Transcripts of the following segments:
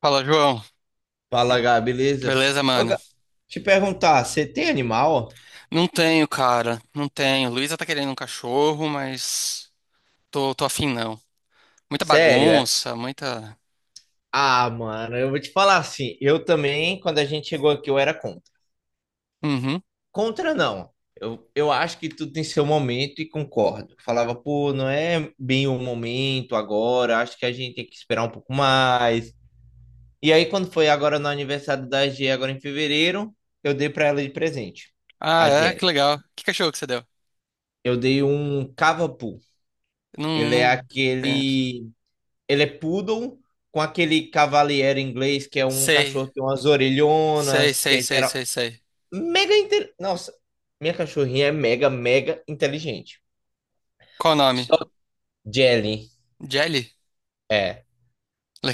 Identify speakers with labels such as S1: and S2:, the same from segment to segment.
S1: Fala, João.
S2: Fala, Gá, beleza?
S1: Beleza,
S2: Ô,
S1: mano?
S2: Gá, te perguntar, você tem animal?
S1: Não tenho, cara. Não tenho. Luísa tá querendo um cachorro, mas tô afim, não. Muita
S2: Sério.
S1: bagunça, muita.
S2: Ah, mano, eu vou te falar assim, eu também, quando a gente chegou aqui, eu era contra.
S1: Uhum.
S2: Contra não, eu acho que tudo tem seu momento e concordo. Falava, pô, não é bem o momento agora, acho que a gente tem que esperar um pouco mais. E aí, quando foi agora no aniversário da G, agora em fevereiro, eu dei pra ela de presente,
S1: Ah,
S2: a
S1: é?
S2: Jé.
S1: Que legal. Que cachorro que você deu?
S2: Eu dei um cavapu,
S1: Não,
S2: ele é
S1: não conheço.
S2: aquele Ele é poodle com aquele cavaleiro inglês que é um
S1: Sei.
S2: cachorro que tem umas
S1: Sei,
S2: orelhonas, que
S1: sei,
S2: é
S1: sei,
S2: geral.
S1: sei, sei.
S2: Nossa, minha cachorrinha é mega, mega inteligente.
S1: Qual o nome?
S2: Só Jelly,
S1: Jelly?
S2: é.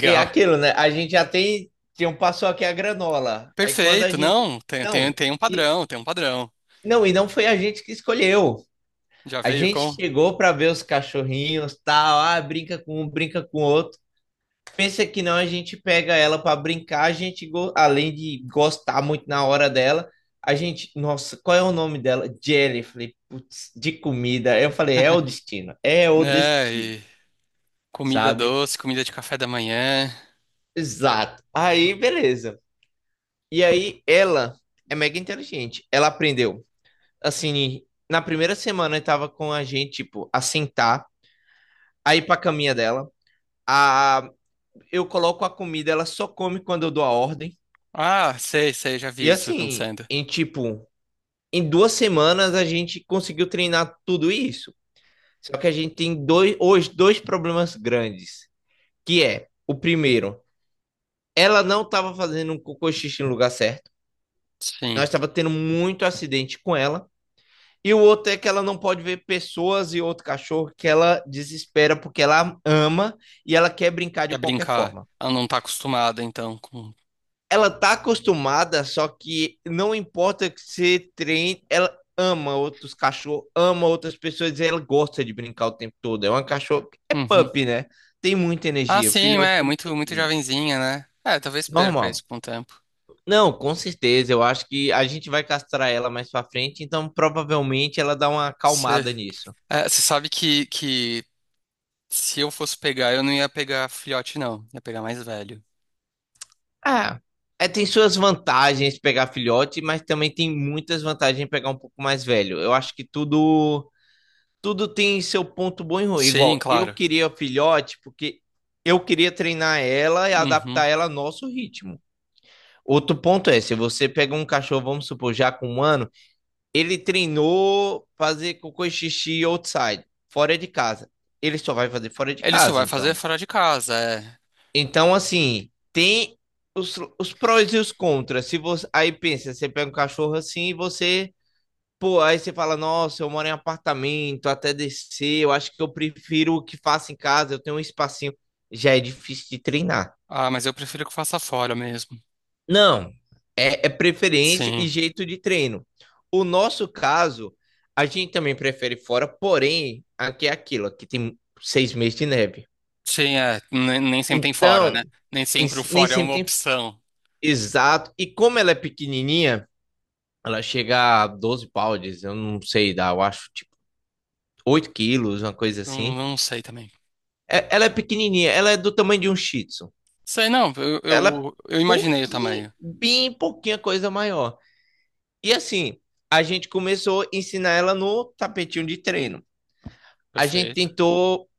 S2: E aquilo, né? A gente já tem. Tinha um passou aqui a granola. Aí quando a
S1: Perfeito,
S2: gente.
S1: não. Tem, tem,
S2: Não,
S1: tem um
S2: e
S1: padrão, tem um padrão.
S2: não, e não foi a gente que escolheu.
S1: Já
S2: A
S1: veio
S2: gente
S1: com.
S2: chegou para ver os cachorrinhos, tal, ah, brinca com um, brinca com outro. Pensa que não, a gente pega ela para brincar, a gente, além de gostar muito na hora dela, a gente, nossa, qual é o nome dela? Jelly. Eu falei, putz, de comida. Eu falei, é o
S1: Né?
S2: destino,
S1: E comida
S2: sabe?
S1: doce, comida de café da manhã.
S2: Exato. Aí, beleza. E aí, ela é mega inteligente. Ela aprendeu, assim, na primeira semana estava com a gente, tipo, a sentar, a ir pra caminha dela, a eu coloco a comida, ela só come quando eu dou a ordem.
S1: Ah, sei, sei, já vi
S2: E
S1: isso
S2: assim,
S1: acontecendo.
S2: em 2 semanas a gente conseguiu treinar tudo isso. Só que a gente tem hoje dois problemas grandes, que é o primeiro, ela não estava fazendo um cocô xixi no lugar certo. Nós
S1: Sim.
S2: estava tendo muito acidente com ela. E o outro é que ela não pode ver pessoas e outro cachorro que ela desespera porque ela ama e ela quer brincar
S1: É
S2: de qualquer
S1: brincar.
S2: forma.
S1: Ela não tá acostumada, então, com...
S2: Ela tá acostumada, só que não importa que você treine, ela ama outros cachorros, ama outras pessoas, e ela gosta de brincar o tempo todo. É uma cachorra, é
S1: Uhum.
S2: pup, né? Tem muita
S1: Ah,
S2: energia,
S1: sim, é,
S2: filhote não
S1: muito,
S2: tem
S1: muito
S2: muito.
S1: jovenzinha, né? É, talvez perca
S2: Normal.
S1: isso com o tempo.
S2: Não, com certeza, eu acho que a gente vai castrar ela mais pra frente, então provavelmente ela dá uma acalmada
S1: Você
S2: nisso.
S1: é, você sabe que se eu fosse pegar, eu não ia pegar filhote, não. Ia pegar mais velho.
S2: Ah, é, tem suas vantagens pegar filhote, mas também tem muitas vantagens em pegar um pouco mais velho. Eu acho que tudo tem seu ponto bom e ruim.
S1: Sim,
S2: Igual, eu
S1: claro.
S2: queria filhote porque eu queria treinar ela e
S1: Uhum.
S2: adaptar ela ao nosso ritmo. Outro ponto é, se você pega um cachorro, vamos supor, já com um ano, ele treinou fazer cocô e xixi outside, fora de casa. Ele só vai fazer fora de
S1: Ele só
S2: casa,
S1: vai fazer
S2: então.
S1: fora de casa, é.
S2: Então, assim, tem os prós e os contras. Se você, aí pensa, você pega um cachorro assim e você pô, aí você fala, nossa, eu moro em apartamento, até descer, eu acho que eu prefiro o que faço em casa, eu tenho um espacinho. Já é difícil de treinar.
S1: Ah, mas eu prefiro que faça fora mesmo.
S2: Não, é, preferência e
S1: Sim.
S2: jeito de treino. O nosso caso, a gente também prefere fora, porém, aqui é aquilo, aqui tem 6 meses de neve.
S1: Sim, é. Nem sempre tem fora, né?
S2: Então,
S1: Nem sempre o
S2: isso nem
S1: fora é uma
S2: sempre tem.
S1: opção.
S2: Exato. E como ela é pequenininha, ela chega a 12 pounds, eu não sei, dá, eu acho, tipo, 8 quilos, uma coisa
S1: Não,
S2: assim.
S1: não sei também.
S2: Ela é pequenininha, ela é do tamanho de um Shih Tzu.
S1: Sei, não. Eu,
S2: Ela é
S1: eu, eu imaginei o
S2: pouquinho,
S1: tamanho.
S2: bem pouquinha coisa maior. E assim, a gente começou a ensinar ela no tapetinho de treino. A gente
S1: Perfeito.
S2: tentou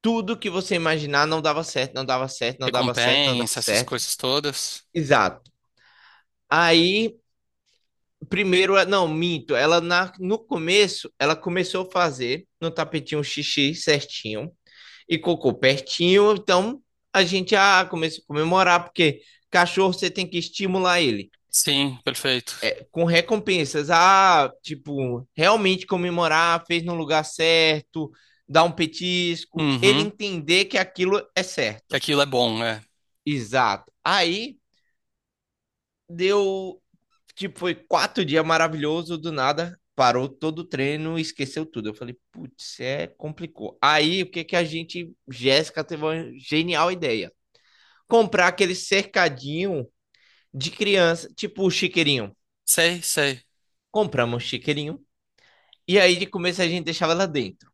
S2: tudo que você imaginar, não dava certo, não dava certo, não dava certo, não dava
S1: Recompensa, essas
S2: certo.
S1: coisas todas.
S2: Exato. Aí, primeiro, não, minto, ela no começo, ela começou a fazer no tapetinho xixi certinho e cocô pertinho, então a gente ah, começa a comemorar, porque cachorro você tem que estimular ele
S1: Sim, perfeito.
S2: com recompensas. Ah, tipo, realmente comemorar, fez no lugar certo, dar um petisco, ele
S1: Uhum.
S2: entender que aquilo é
S1: Que
S2: certo.
S1: aquilo é bom, é.
S2: Exato. Aí deu, tipo, foi 4 dias maravilhoso, do nada parou todo o treino, esqueceu tudo. Eu falei, putz, é complicou. Aí o que que a gente, Jéssica teve uma genial ideia comprar aquele cercadinho de criança, tipo o chiqueirinho.
S1: Sei, sei.
S2: Compramos um chiqueirinho e aí de começo a gente deixava ela dentro.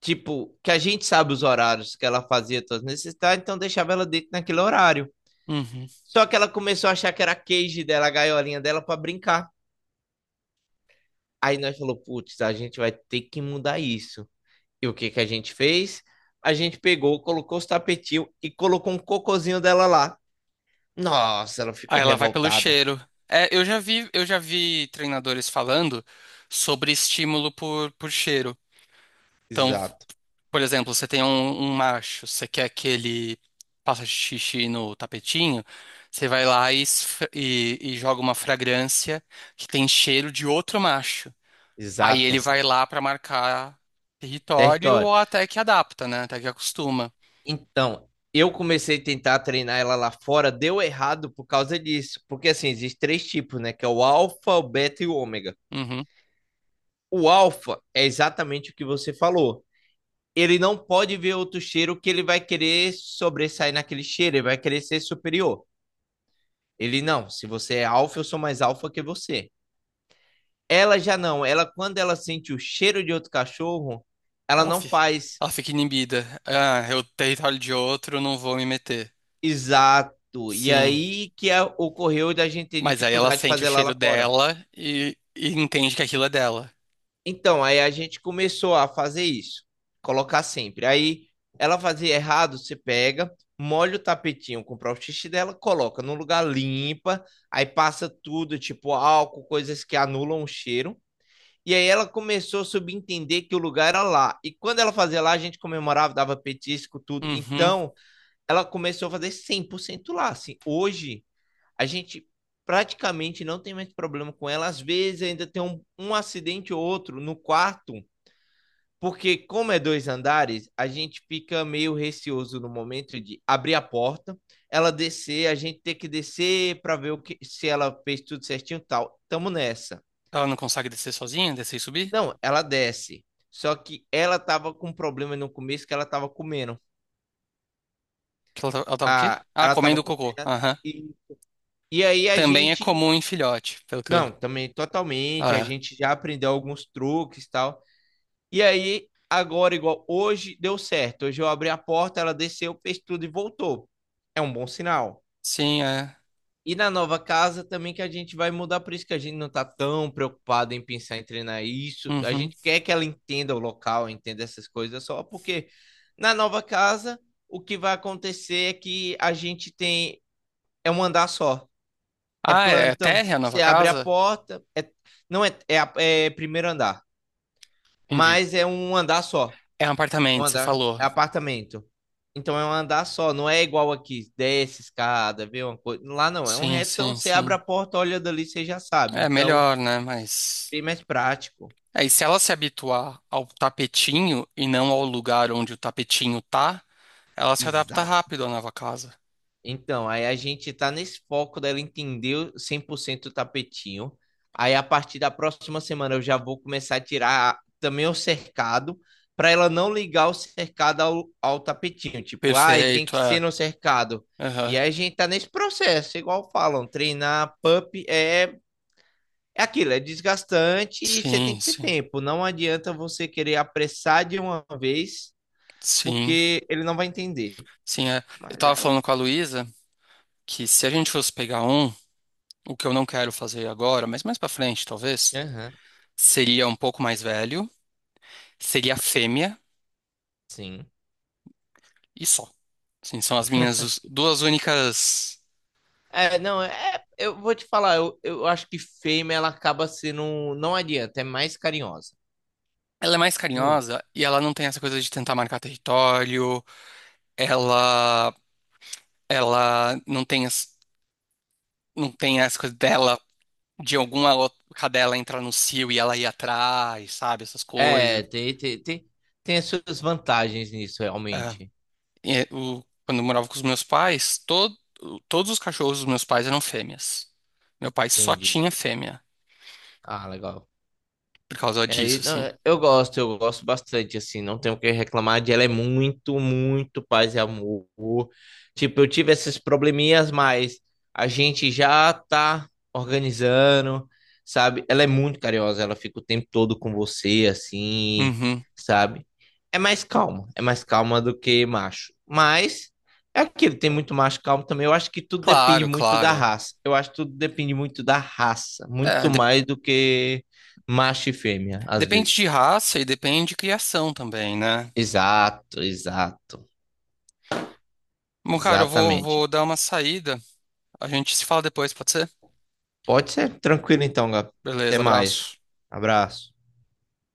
S2: Tipo, que a gente sabe os horários que ela fazia todas necessidades, então deixava ela dentro naquele horário.
S1: Uhum.
S2: Só que ela começou a achar que era a cage dela, a gaiolinha dela para brincar. Aí nós falou, putz, a gente vai ter que mudar isso. E o que que a gente fez? A gente pegou, colocou os tapetinhos e colocou um cocozinho dela lá. Nossa, ela ficou
S1: Aí ela vai pelo
S2: revoltada.
S1: cheiro. É, eu já vi treinadores falando sobre estímulo por cheiro. Então,
S2: Exato,
S1: por exemplo, você tem um macho, você quer que ele faça xixi no tapetinho, você vai lá e, e joga uma fragrância que tem cheiro de outro macho. Aí ele
S2: exato.
S1: vai lá pra marcar território
S2: Território.
S1: ou até que adapta, né? Até que acostuma.
S2: Então, eu comecei a tentar treinar ela lá fora, deu errado por causa disso. Porque assim, existem três tipos, né? Que é o alfa, o beta e o ômega.
S1: Uhum.
S2: O alfa é exatamente o que você falou. Ele não pode ver outro cheiro que ele vai querer sobressair naquele cheiro, ele vai querer ser superior. Ele não, se você é alfa, eu sou mais alfa que você. Ela já não, ela quando ela sente o cheiro de outro cachorro, ela
S1: Ela
S2: não
S1: fica,
S2: faz
S1: ela fica inibida. Ah, é o território de outro, não vou me meter.
S2: exato. E
S1: Sim.
S2: aí que a- ocorreu da gente ter
S1: Mas aí ela
S2: dificuldade de
S1: sente o
S2: fazer ela
S1: cheiro
S2: lá fora.
S1: dela e entende que aquilo é dela.
S2: Então, aí a gente começou a fazer isso, colocar sempre. Aí ela fazia errado, você pega, molha o tapetinho com o próprio xixi dela, coloca num lugar limpa, aí passa tudo, tipo álcool, coisas que anulam o cheiro. E aí ela começou a subentender que o lugar era lá. E quando ela fazia lá, a gente comemorava, dava petisco, tudo.
S1: Uhum.
S2: Então, ela começou a fazer 100% lá, assim. Hoje, a gente praticamente não tem mais problema com ela. Às vezes ainda tem um acidente ou outro no quarto, porque, como é dois andares, a gente fica meio receoso no momento de abrir a porta, ela descer, a gente ter que descer para ver o que, se ela fez tudo certinho e tal. Tamo nessa.
S1: Ela não consegue descer sozinha, descer e subir?
S2: Não, ela desce. Só que ela tava com um problema no começo que ela tava comendo.
S1: Que Ela, ela tava o quê?
S2: Ah,
S1: Ah,
S2: ela tava
S1: comendo o cocô.
S2: comendo.
S1: Aham.
S2: E, e aí a
S1: Também é
S2: gente.
S1: comum em filhote, pelo que eu.
S2: Não, também totalmente. A
S1: Ah, é.
S2: gente já aprendeu alguns truques e tal. E aí, agora, igual hoje, deu certo. Hoje eu abri a porta, ela desceu, fez tudo e voltou. É um bom sinal.
S1: Sim, é.
S2: E na nova casa também que a gente vai mudar, por isso que a gente não tá tão preocupado em pensar em treinar isso. A
S1: Uhum.
S2: gente quer que ela entenda o local, entenda essas coisas só, porque na nova casa o que vai acontecer é que a gente tem é um andar só, é
S1: Ah, é
S2: plantão.
S1: térrea a nova
S2: Você abre a
S1: casa?
S2: porta, é, não é, é primeiro andar,
S1: Entendi.
S2: mas é um andar só.
S1: É um
S2: Um
S1: apartamento, você
S2: andar,
S1: falou.
S2: é apartamento. Então é um andar só, não é igual aqui, desce escada, vê uma coisa. Lá não, é um
S1: Sim,
S2: retão,
S1: sim,
S2: você abre
S1: sim.
S2: a porta, olha dali, você já sabe.
S1: É
S2: Então,
S1: melhor, né? Mas.
S2: bem mais prático.
S1: É, e se ela se habituar ao tapetinho e não ao lugar onde o tapetinho tá, ela se adapta
S2: Exato.
S1: rápido à nova casa.
S2: Então, aí a gente tá nesse foco dela entender o 100% o tapetinho. Aí a partir da próxima semana eu já vou começar a tirar também o cercado, para ela não ligar o cercado ao tapetinho. Tipo, ah, tem
S1: Perfeito,
S2: que ser
S1: é.
S2: no cercado. E
S1: Aham.
S2: aí a gente tá nesse processo, igual falam, treinar pup é, é aquilo, é desgastante e você tem
S1: Sim,
S2: que ter
S1: sim.
S2: tempo. Não adianta você querer apressar de uma vez,
S1: Sim,
S2: porque ele não vai entender.
S1: sim. É. Eu
S2: Mas
S1: tava
S2: ela.
S1: falando com a Luísa que se a gente fosse pegar um, o que eu não quero fazer agora, mas mais pra frente, talvez,
S2: Aham,
S1: seria um pouco mais velho, seria fêmea
S2: sim.
S1: e só. Sim, são as minhas duas únicas.
S2: É, não, é, eu vou te falar, eu acho que fêmea ela acaba sendo, não adianta, é mais carinhosa.
S1: Ela é mais
S2: Muito.
S1: carinhosa e ela não tem essa coisa de tentar marcar território. Ela, ela não tem, não tem essa coisa dela, de alguma outra cadela entrar no cio e ela ir atrás, sabe? Essas coisas.
S2: É, tem as suas vantagens nisso,
S1: É,
S2: realmente.
S1: quando eu morava com os meus pais, todo, todos os cachorros dos meus pais eram fêmeas. Meu pai só
S2: Entendi.
S1: tinha fêmea
S2: Ah, legal.
S1: por causa
S2: É,
S1: disso,
S2: não,
S1: assim.
S2: eu gosto bastante, assim, não tenho o que reclamar de ela, é muito, muito paz e amor. Tipo, eu tive esses probleminhas, mas a gente já tá organizando, sabe? Ela é muito carinhosa, ela fica o tempo todo com você, assim,
S1: Uhum.
S2: sabe? É mais calma do que macho. Mas é aquilo, tem muito macho calmo também. Eu acho que tudo depende
S1: Claro,
S2: muito da
S1: claro.
S2: raça. Eu acho que tudo depende muito da raça,
S1: É,
S2: muito mais do que macho e fêmea, às
S1: depende
S2: vezes.
S1: de raça e depende de criação também, né?
S2: Exato, exato.
S1: Bom, cara, eu vou,
S2: Exatamente.
S1: vou dar uma saída. A gente se fala depois, pode ser?
S2: Pode ser. Tranquilo então, Gabi. Até
S1: Beleza,
S2: mais.
S1: abraço.
S2: Abraço.